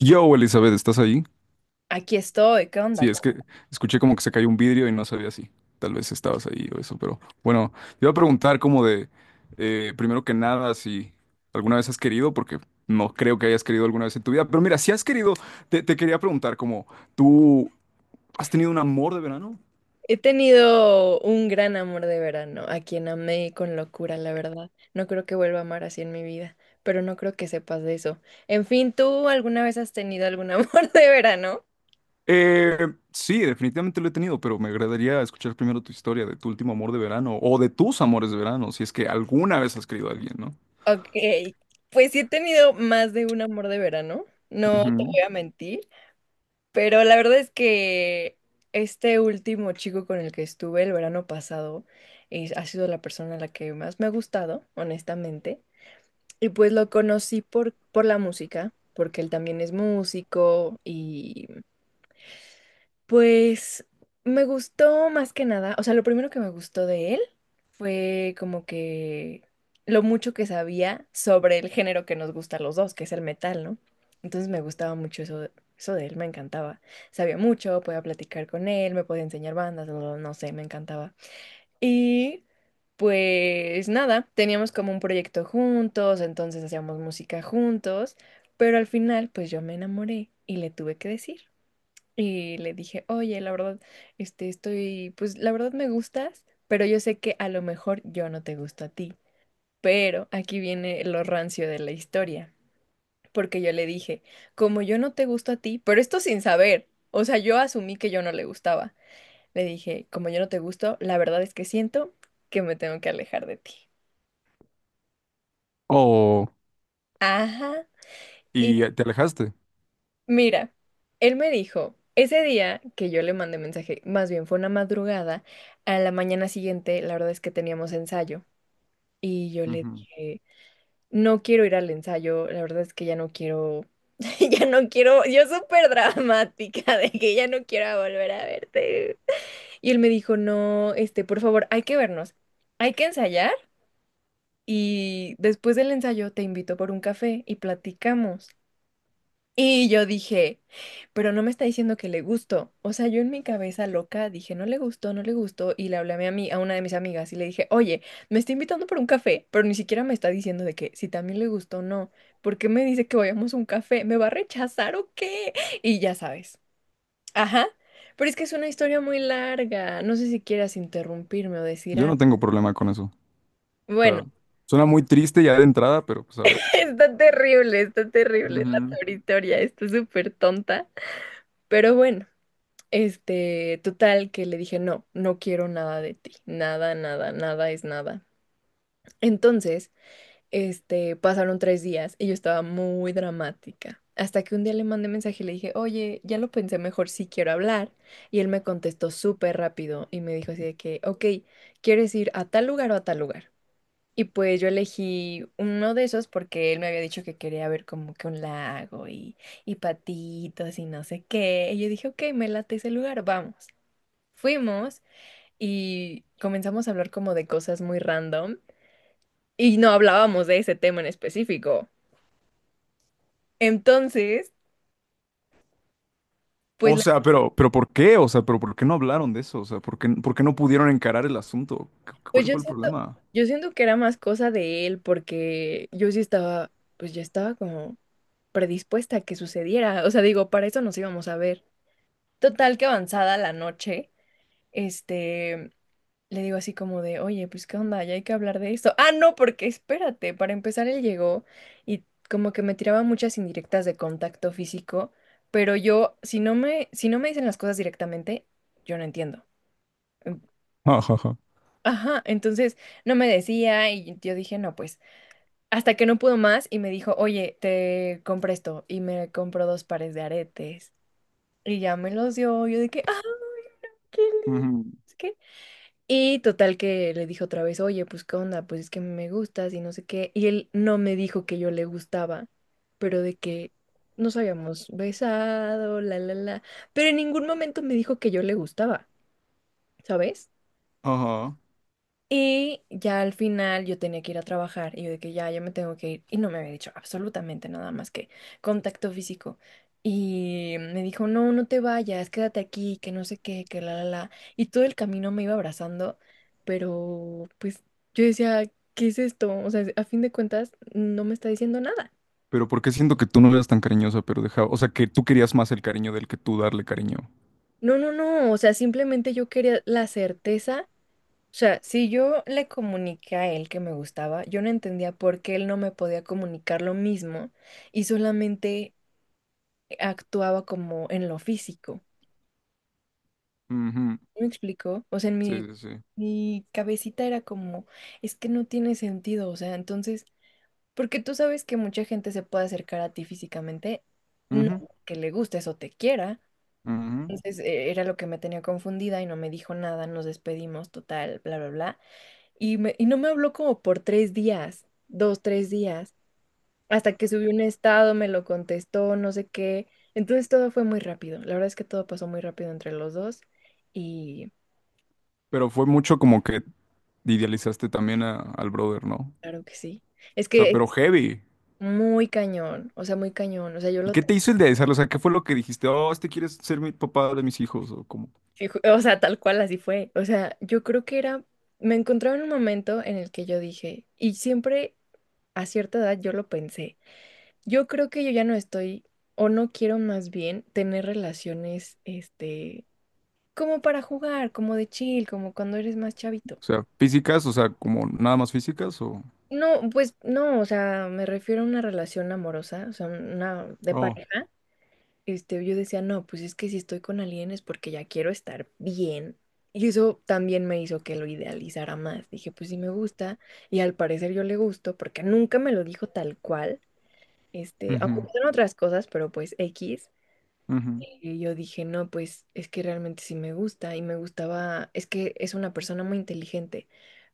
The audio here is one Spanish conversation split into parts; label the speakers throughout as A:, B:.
A: Yo, Elizabeth, ¿estás ahí?
B: Aquí estoy, ¿qué
A: Sí,
B: onda?
A: es que escuché como que se cayó un vidrio y no sabía si tal vez estabas ahí o eso, pero bueno, te iba a preguntar como de, primero que nada, si alguna vez has querido, porque no creo que hayas querido alguna vez en tu vida, pero mira, si has querido, te quería preguntar como, ¿tú has tenido un amor de verano?
B: He tenido un gran amor de verano, a quien amé con locura, la verdad. No creo que vuelva a amar así en mi vida, pero no creo que sepas de eso. En fin, ¿tú alguna vez has tenido algún amor de verano?
A: Eh, sí, definitivamente lo he tenido, pero me agradaría escuchar primero tu historia de tu último amor de verano o de tus amores de verano, si es que alguna vez has querido a alguien, ¿no?
B: Ok, pues sí he tenido más de un amor de verano, no te
A: Ujú.
B: voy a mentir, pero la verdad es que este último chico con el que estuve el verano pasado ha sido la persona a la que más me ha gustado, honestamente. Y pues lo conocí por la música, porque él también es músico y pues me gustó más que nada, o sea, lo primero que me gustó de él fue como que lo mucho que sabía sobre el género que nos gusta a los dos, que es el metal, ¿no? Entonces me gustaba mucho eso, eso de él, me encantaba. Sabía mucho, podía platicar con él, me podía enseñar bandas, no sé, me encantaba. Y pues nada, teníamos como un proyecto juntos, entonces hacíamos música juntos, pero al final pues yo me enamoré y le tuve que decir. Y le dije, oye, la verdad, este, estoy, pues la verdad me gustas, pero yo sé que a lo mejor yo no te gusto a ti. Pero aquí viene lo rancio de la historia, porque yo le dije, como yo no te gusto a ti, pero esto sin saber, o sea, yo asumí que yo no le gustaba. Le dije, como yo no te gusto, la verdad es que siento que me tengo que alejar de ti.
A: O,
B: Ajá. Y
A: y te alejaste.
B: mira, él me dijo, ese día que yo le mandé mensaje, más bien fue una madrugada, a la mañana siguiente, la verdad es que teníamos ensayo. Y yo le
A: Ujú.
B: dije, no quiero ir al ensayo, la verdad es que ya no quiero, ya no quiero, yo súper dramática de que ya no quiero volver a verte. Y él me dijo, no, este, por favor, hay que vernos, hay que ensayar. Y después del ensayo te invito por un café y platicamos. Y yo dije, pero no me está diciendo que le gustó. O sea, yo en mi cabeza loca dije, no le gustó, no le gustó. Y le hablé a a una de mis amigas y le dije, oye, me está invitando por un café, pero ni siquiera me está diciendo de que si también le gustó o no. ¿Por qué me dice que vayamos a un café? ¿Me va a rechazar o qué? Y ya sabes. Ajá. Pero es que es una historia muy larga. No sé si quieras interrumpirme o decir
A: Yo no
B: algo.
A: tengo problema con eso. O
B: Bueno.
A: sea, suena muy triste ya de entrada, pero pues a ver.
B: Está terrible la
A: Ujú.
B: peor historia, está súper tonta. Pero bueno, este, total que le dije, no, no quiero nada de ti, nada, nada, nada es nada. Entonces, este, pasaron tres días y yo estaba muy dramática. Hasta que un día le mandé mensaje y le dije, oye, ya lo pensé mejor, sí quiero hablar. Y él me contestó súper rápido y me dijo así de que, ok, ¿quieres ir a tal lugar o a tal lugar? Y pues yo elegí uno de esos porque él me había dicho que quería ver como que un lago y patitos y no sé qué. Y yo dije, ok, me late ese lugar, vamos. Fuimos y comenzamos a hablar como de cosas muy random y no hablábamos de ese tema en específico. Entonces, pues,
A: O sea, pero ¿por qué? O sea, pero ¿por qué no hablaron de eso? O sea, ¿por qué no pudieron encarar el asunto? ¿Cu-
B: pues
A: ¿Cuál fue el problema?
B: yo siento que era más cosa de él porque yo sí estaba, pues ya estaba como predispuesta a que sucediera. O sea, digo, para eso nos íbamos a ver. Total que avanzada la noche, este, le digo así como de, oye, pues qué onda, ya hay que hablar de esto. Ah, no, porque espérate, para empezar él llegó y como que me tiraba muchas indirectas de contacto físico, pero yo, si no me dicen las cosas directamente, yo no entiendo. Em,
A: Ajá.
B: Ajá, entonces no me decía y yo dije, no, pues, hasta que no pudo más y me dijo, oye, te compré esto y me compró dos pares de aretes y ya me los dio, yo de que, ah, qué lindo.
A: Ujú.
B: Y total que le dije otra vez, oye, pues qué onda, pues es que me gustas y no sé qué. Y él no me dijo que yo le gustaba, pero de que nos habíamos besado, la, la, la. Pero en ningún momento me dijo que yo le gustaba, ¿sabes?
A: Ajá.
B: Y ya al final yo tenía que ir a trabajar y yo de que ya, ya me tengo que ir. Y no me había dicho absolutamente nada más que contacto físico. Y me dijo, no, no te vayas, quédate aquí, que no sé qué, que la, la, la. Y todo el camino me iba abrazando, pero pues yo decía, ¿qué es esto? O sea, a fin de cuentas, no me está diciendo nada.
A: Pero ¿por qué siento que tú no eras tan cariñosa, pero dejaba, o sea, que tú querías más el cariño del que tú darle cariño?
B: No, no, no, o sea, simplemente yo quería la certeza. O sea, si yo le comuniqué a él que me gustaba, yo no entendía por qué él no me podía comunicar lo mismo y solamente actuaba como en lo físico.
A: Ujú.
B: ¿Sí? ¿Me explico? O sea,
A: Sí, sí, sí.
B: mi cabecita era como, es que no tiene sentido, o sea, entonces, porque tú sabes que mucha gente se puede acercar a ti físicamente, no
A: Ujú,
B: que le gustes o te quiera.
A: ujú.
B: Entonces, era lo que me tenía confundida y no me dijo nada, nos despedimos, total, bla, bla, bla. Y no me habló como por tres días, dos, tres días, hasta que subí un estado, me lo contestó, no sé qué. Entonces todo fue muy rápido. La verdad es que todo pasó muy rápido entre los dos y
A: Pero fue mucho como que idealizaste también al brother, ¿no?
B: claro que sí. Es
A: O sea,
B: que
A: pero
B: es
A: heavy.
B: muy cañón, o sea, muy cañón. O sea, yo
A: ¿Y
B: lo...
A: qué te hizo el de desearlo, o sea, ¿qué fue lo que dijiste? Oh, este quiere ser mi papá de mis hijos, o como,
B: O sea, tal cual así fue. O sea, yo creo que era... Me encontraba en un momento en el que yo dije, y siempre a cierta edad yo lo pensé, yo creo que yo ya no estoy o no quiero más bien tener relaciones, este, como para jugar, como de chill, como cuando eres más chavito.
A: o sea, físicas, o sea, como nada más físicas, o.
B: No, pues no, o sea, me refiero a una relación amorosa, o sea, una de
A: Oh,
B: pareja. Este, yo decía, no, pues es que si estoy con alguien es porque ya quiero estar bien. Y eso también me hizo que lo idealizara más. Dije, pues sí me gusta, y al parecer yo le gusto, porque nunca me lo dijo tal cual. Este, aunque
A: ujú,
B: son otras cosas, pero pues X.
A: ujú.
B: Y yo dije, no, pues es que realmente sí me gusta y me gustaba, es que es una persona muy inteligente,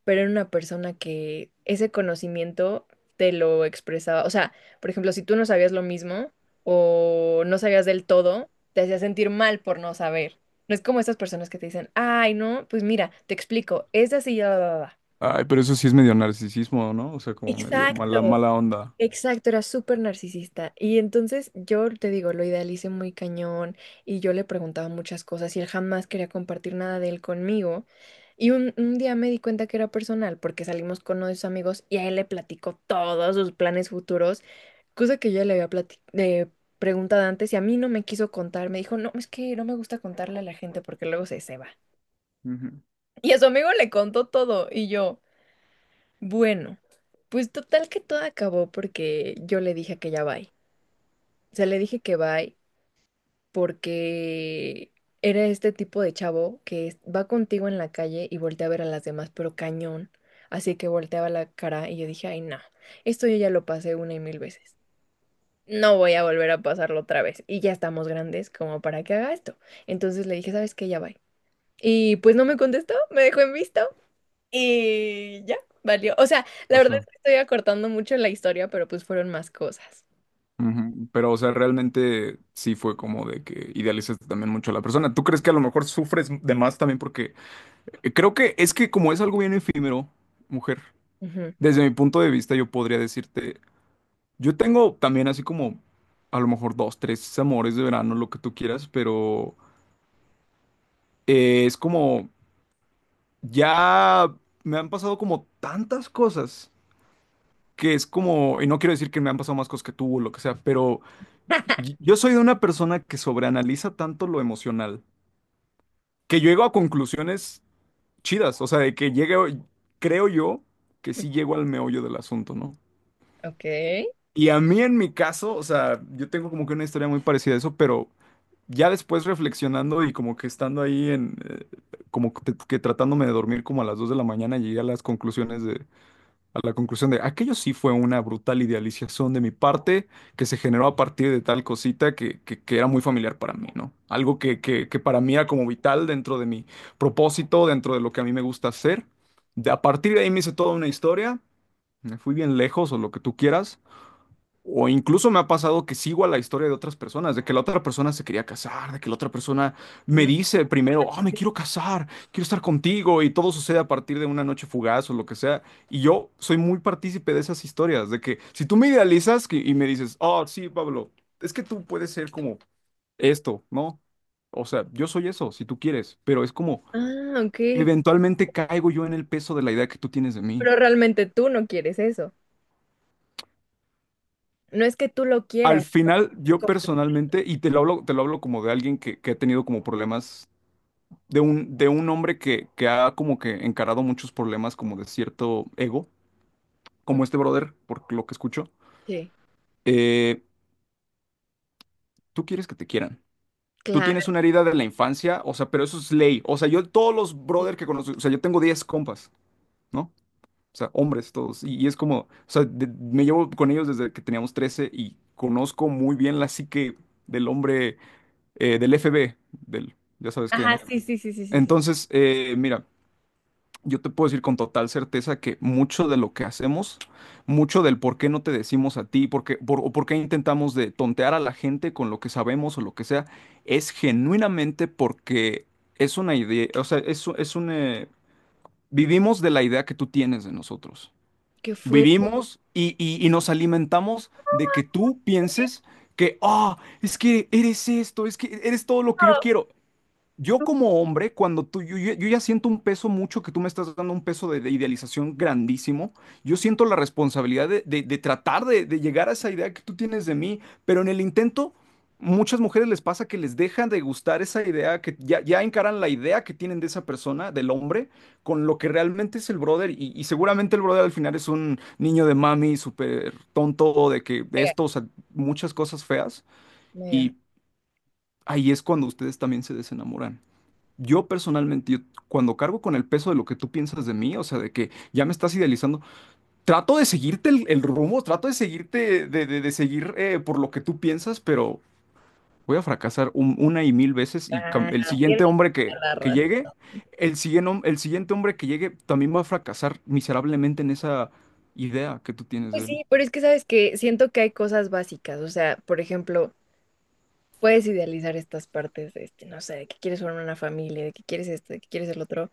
B: pero era una persona que ese conocimiento te lo expresaba. O sea, por ejemplo, si tú no sabías lo mismo o no sabías del todo, te hacía sentir mal por no saber. No es como estas personas que te dicen, ay, no, pues mira, te explico, es así, ya, va, va, va.
A: Ay, pero eso sí es medio narcisismo, ¿no? O sea, como medio
B: Exacto.
A: mala, mala onda.
B: Exacto, era súper narcisista. Y entonces yo te digo, lo idealicé muy cañón y yo le preguntaba muchas cosas y él jamás quería compartir nada de él conmigo. Y un día me di cuenta que era personal porque salimos con uno de sus amigos y a él le platicó todos sus planes futuros, cosa que yo ya le había preguntado antes y a mí no me quiso contar. Me dijo, no, es que no me gusta contarle a la gente porque luego se va.
A: Ujú.
B: Y a su amigo le contó todo y yo, bueno, pues total que todo acabó porque yo le dije que ya va. O sea, le dije que bye porque era este tipo de chavo que va contigo en la calle y voltea a ver a las demás, pero cañón. Así que volteaba la cara y yo dije, ay, no, esto yo ya lo pasé una y mil veces. No voy a volver a pasarlo otra vez. Y ya estamos grandes como para que haga esto. Entonces le dije, ¿sabes qué? Ya bye. Y pues no me contestó, me dejó en visto y ya, valió. O sea, la
A: O
B: verdad es
A: sea,
B: que estoy acortando mucho la historia, pero pues fueron más cosas.
A: ujú. Pero, o sea, realmente sí fue como de que idealizaste también mucho a la persona. ¿Tú crees que a lo mejor sufres de más también? Porque creo que es que como es algo bien efímero, mujer,
B: Ujú.
A: desde mi punto de vista yo podría decirte. Yo tengo también así como a lo mejor dos, tres amores de verano, lo que tú quieras, pero es como ya me han pasado como tantas cosas que es como, y no quiero decir que me han pasado más cosas que tú o lo que sea, pero yo soy de una persona que sobreanaliza tanto lo emocional, que llego a conclusiones chidas, o sea, de que llegue, creo yo que sí llego al meollo del asunto, ¿no?
B: Ok.
A: Y a mí en mi caso, o sea, yo tengo como que una historia muy parecida a eso, pero ya después reflexionando y como que estando ahí en, como que tratándome de dormir como a las 2 de la mañana, llegué a las conclusiones de, a la conclusión de, aquello sí fue una brutal idealización de mi parte que se generó a partir de tal cosita que era muy familiar para mí, ¿no? Algo que para mí era como vital dentro de mi propósito, dentro de lo que a mí me gusta hacer. A partir de ahí me hice toda una historia, me fui bien lejos o lo que tú quieras. O incluso me ha pasado que sigo a la historia de otras personas, de que la otra persona se quería casar, de que la otra persona me
B: Mm.
A: dice primero, oh, me quiero casar, quiero estar contigo, y todo sucede a partir de una noche fugaz o lo que sea. Y yo soy muy partícipe de esas historias, de que si tú me idealizas y me dices, oh, sí, Pablo, es que tú puedes ser como esto, ¿no? O sea, yo soy eso, si tú quieres, pero es como,
B: Ah, ok, ok.
A: eventualmente caigo yo en el peso de la idea que tú tienes de mí.
B: Pero realmente tú no quieres eso. No es que tú lo
A: Al
B: quieras.
A: final,
B: es
A: yo personalmente, y te lo hablo como de alguien que ha tenido como problemas, de un hombre que ha como que encarado muchos problemas como de cierto ego, como
B: como-
A: este brother, por lo que escucho.
B: Sí,
A: Eh, Tú quieres que te quieran. Tú tienes
B: claro.
A: una herida de la infancia, o sea, pero eso es ley. O sea, yo todos los
B: Sí.
A: brother que conozco, o sea, yo tengo 10 compas, ¿no? O sea, hombres todos. Y es como, o sea, me llevo con ellos desde que teníamos 13 y conozco muy bien la psique del hombre del FB del, ya sabes qué,
B: Ajá,
A: ¿no?
B: sí, sí, sí, sí, sí, sí.
A: Entonces, mira, yo te puedo decir con total certeza que mucho de lo que hacemos, mucho del por qué no te decimos a ti, por qué intentamos de tontear a la gente con lo que sabemos o lo que sea, es genuinamente porque es una idea, o sea, es, u- es un... vivimos de la idea que tú tienes de nosotros.
B: Que fue
A: Vivimos y nos alimentamos de que tú pienses que, ah, es que eres esto, es que eres todo lo que yo quiero. Yo como hombre, cuando yo ya siento un peso mucho, que tú me estás dando un peso de idealización grandísimo, yo siento la responsabilidad de tratar de llegar a esa idea que tú tienes de mí, pero en el intento, muchas mujeres les pasa que les dejan de gustar esa idea, que ya encaran la idea que tienen de esa persona, del hombre, con lo que realmente es el brother, y seguramente el brother al final es un niño de mami súper tonto, de que
B: mega,
A: esto, o sea, muchas cosas feas,
B: mega
A: y ahí es cuando ustedes también se desenamoran. Yo personalmente, yo cuando cargo con el peso de lo que tú piensas de mí, o sea, de que ya me estás idealizando, trato de seguirte el rumbo, trato de seguirte, de seguir por lo que tú piensas, pero voy a fracasar una y mil veces y
B: raro.
A: el siguiente
B: Tienes
A: hombre que,
B: toda la
A: que
B: razón.
A: llegue, el siguiente hombre que llegue también va a fracasar miserablemente en esa idea que tú tienes
B: Pues
A: de él.
B: sí, pero es que sabes que siento que hay cosas básicas. O sea, por ejemplo, puedes idealizar estas partes de este, no sé, de que quieres formar una familia, de que quieres esto, de que quieres el otro.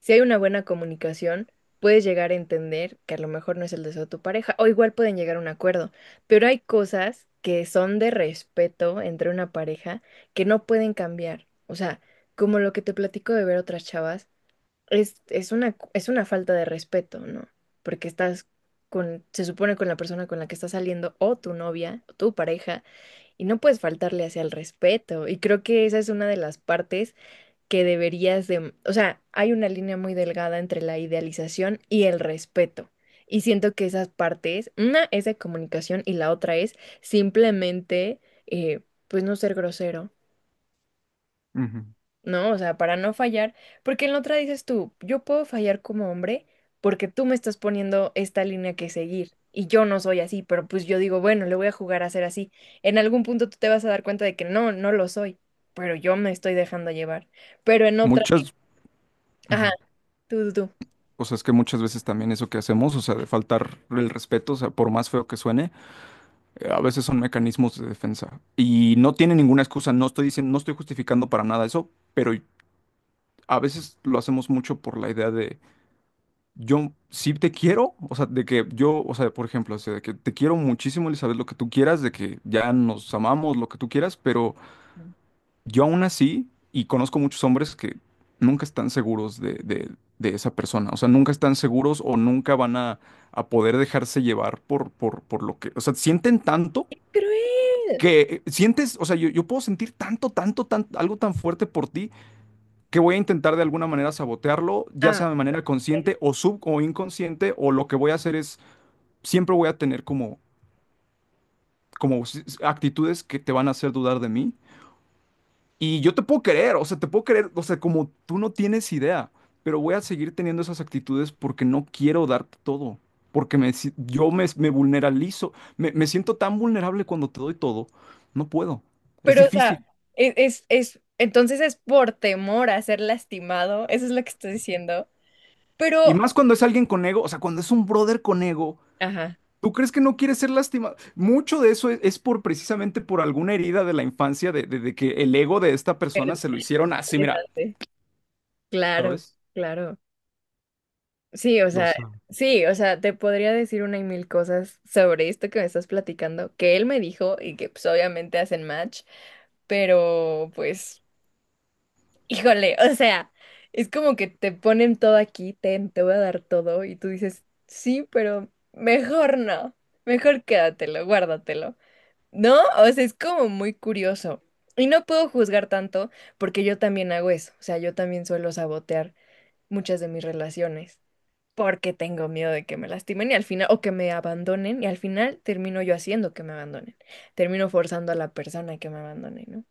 B: Si hay una buena comunicación, puedes llegar a entender que a lo mejor no es el deseo de tu pareja, o igual pueden llegar a un acuerdo, pero hay cosas que son de respeto entre una pareja que no pueden cambiar. O sea, como lo que te platico de ver otras chavas, es una falta de respeto, ¿no? Porque estás con, se supone con la persona con la que estás saliendo, o tu novia, o tu pareja, y no puedes faltarle hacia el respeto. Y creo que esa es una de las partes que deberías de, o sea, hay una línea muy delgada entre la idealización y el respeto. Y siento que esas partes, una es de comunicación y la otra es simplemente, eh, pues no ser grosero,
A: Ujú.
B: ¿no? O sea, para no fallar, porque en la otra dices tú, yo puedo fallar como hombre porque tú me estás poniendo esta línea que seguir. Y yo no soy así, pero pues yo digo, bueno, le voy a jugar a ser así. En algún punto tú te vas a dar cuenta de que no, no lo soy, pero yo me estoy dejando llevar. Pero en otra,
A: Muchas, ujú.
B: ajá, tú.
A: O sea, es que muchas veces también eso que hacemos, o sea, de faltar el respeto, o sea, por más feo que suene. A veces son mecanismos de defensa y no tiene ninguna excusa. No estoy diciendo, no estoy justificando para nada eso, pero a veces lo hacemos mucho por la idea de yo sí te quiero, o sea, de que yo, o sea, por ejemplo, o sea, de que te quiero muchísimo, Elizabeth, lo que tú quieras, de que ya nos amamos, lo que tú quieras, pero yo aún así, y conozco muchos hombres que nunca están seguros de esa persona, o sea, nunca están seguros o nunca van a poder dejarse llevar por lo que, o sea, sienten tanto.
B: Cruel.
A: Que sientes, o sea, yo puedo sentir tanto, tanto, tanto algo tan fuerte por ti que voy a intentar de alguna manera sabotearlo, ya
B: Ah,
A: sea de manera consciente o sub o inconsciente, o lo que voy a hacer es, siempre voy a tener como, actitudes que te van a hacer dudar de mí. Y yo te puedo querer, o sea, te puedo querer, o sea, como tú no tienes idea, pero voy a seguir teniendo esas actitudes porque no quiero darte todo, porque me, si- yo me vulneralizo, me siento tan vulnerable cuando te doy todo, no puedo, es
B: pero o sea,
A: difícil.
B: es, entonces es por temor a ser lastimado, eso es lo que estoy diciendo.
A: Y
B: Pero,
A: más cuando es alguien con ego, o sea, cuando es un brother con ego,
B: ajá,
A: ¿tú crees que no quiere ser lastimado? Mucho de eso es por precisamente por alguna herida de la infancia, de que el ego de esta
B: pero
A: persona se lo hicieron así, mira.
B: interesante. Claro,
A: ¿Ves?
B: claro. Sí, o sea,
A: Los-
B: sí, o sea, te podría decir una y mil cosas sobre esto que me estás platicando, que él me dijo y que pues obviamente hacen match, pero pues... Híjole, o sea, es como que te ponen todo aquí, ten, te voy a dar todo, y tú dices, sí, pero mejor no, mejor quédatelo, guárdatelo, ¿no? O sea, es como muy curioso. Y no puedo juzgar tanto porque yo también hago eso, o sea, yo también suelo sabotear muchas de mis relaciones porque tengo miedo de que me lastimen y al final, o que me abandonen, y al final termino yo haciendo que me abandonen, termino forzando a la persona que me abandone, ¿no?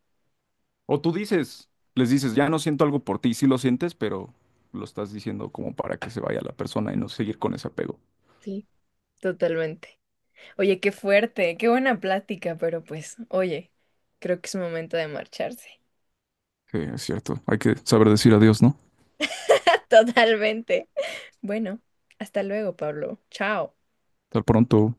A: O tú dices, les dices, ya no siento algo por ti, sí lo sientes, pero lo estás diciendo como para que se vaya la persona y no seguir con ese apego.
B: Sí, totalmente. Oye, qué fuerte, qué buena plática, pero pues, oye, creo que es momento de marcharse.
A: Sí, es cierto. Hay que saber decir adiós, ¿no?
B: Totalmente. Bueno, hasta luego, Pablo. Chao.
A: Hasta pronto.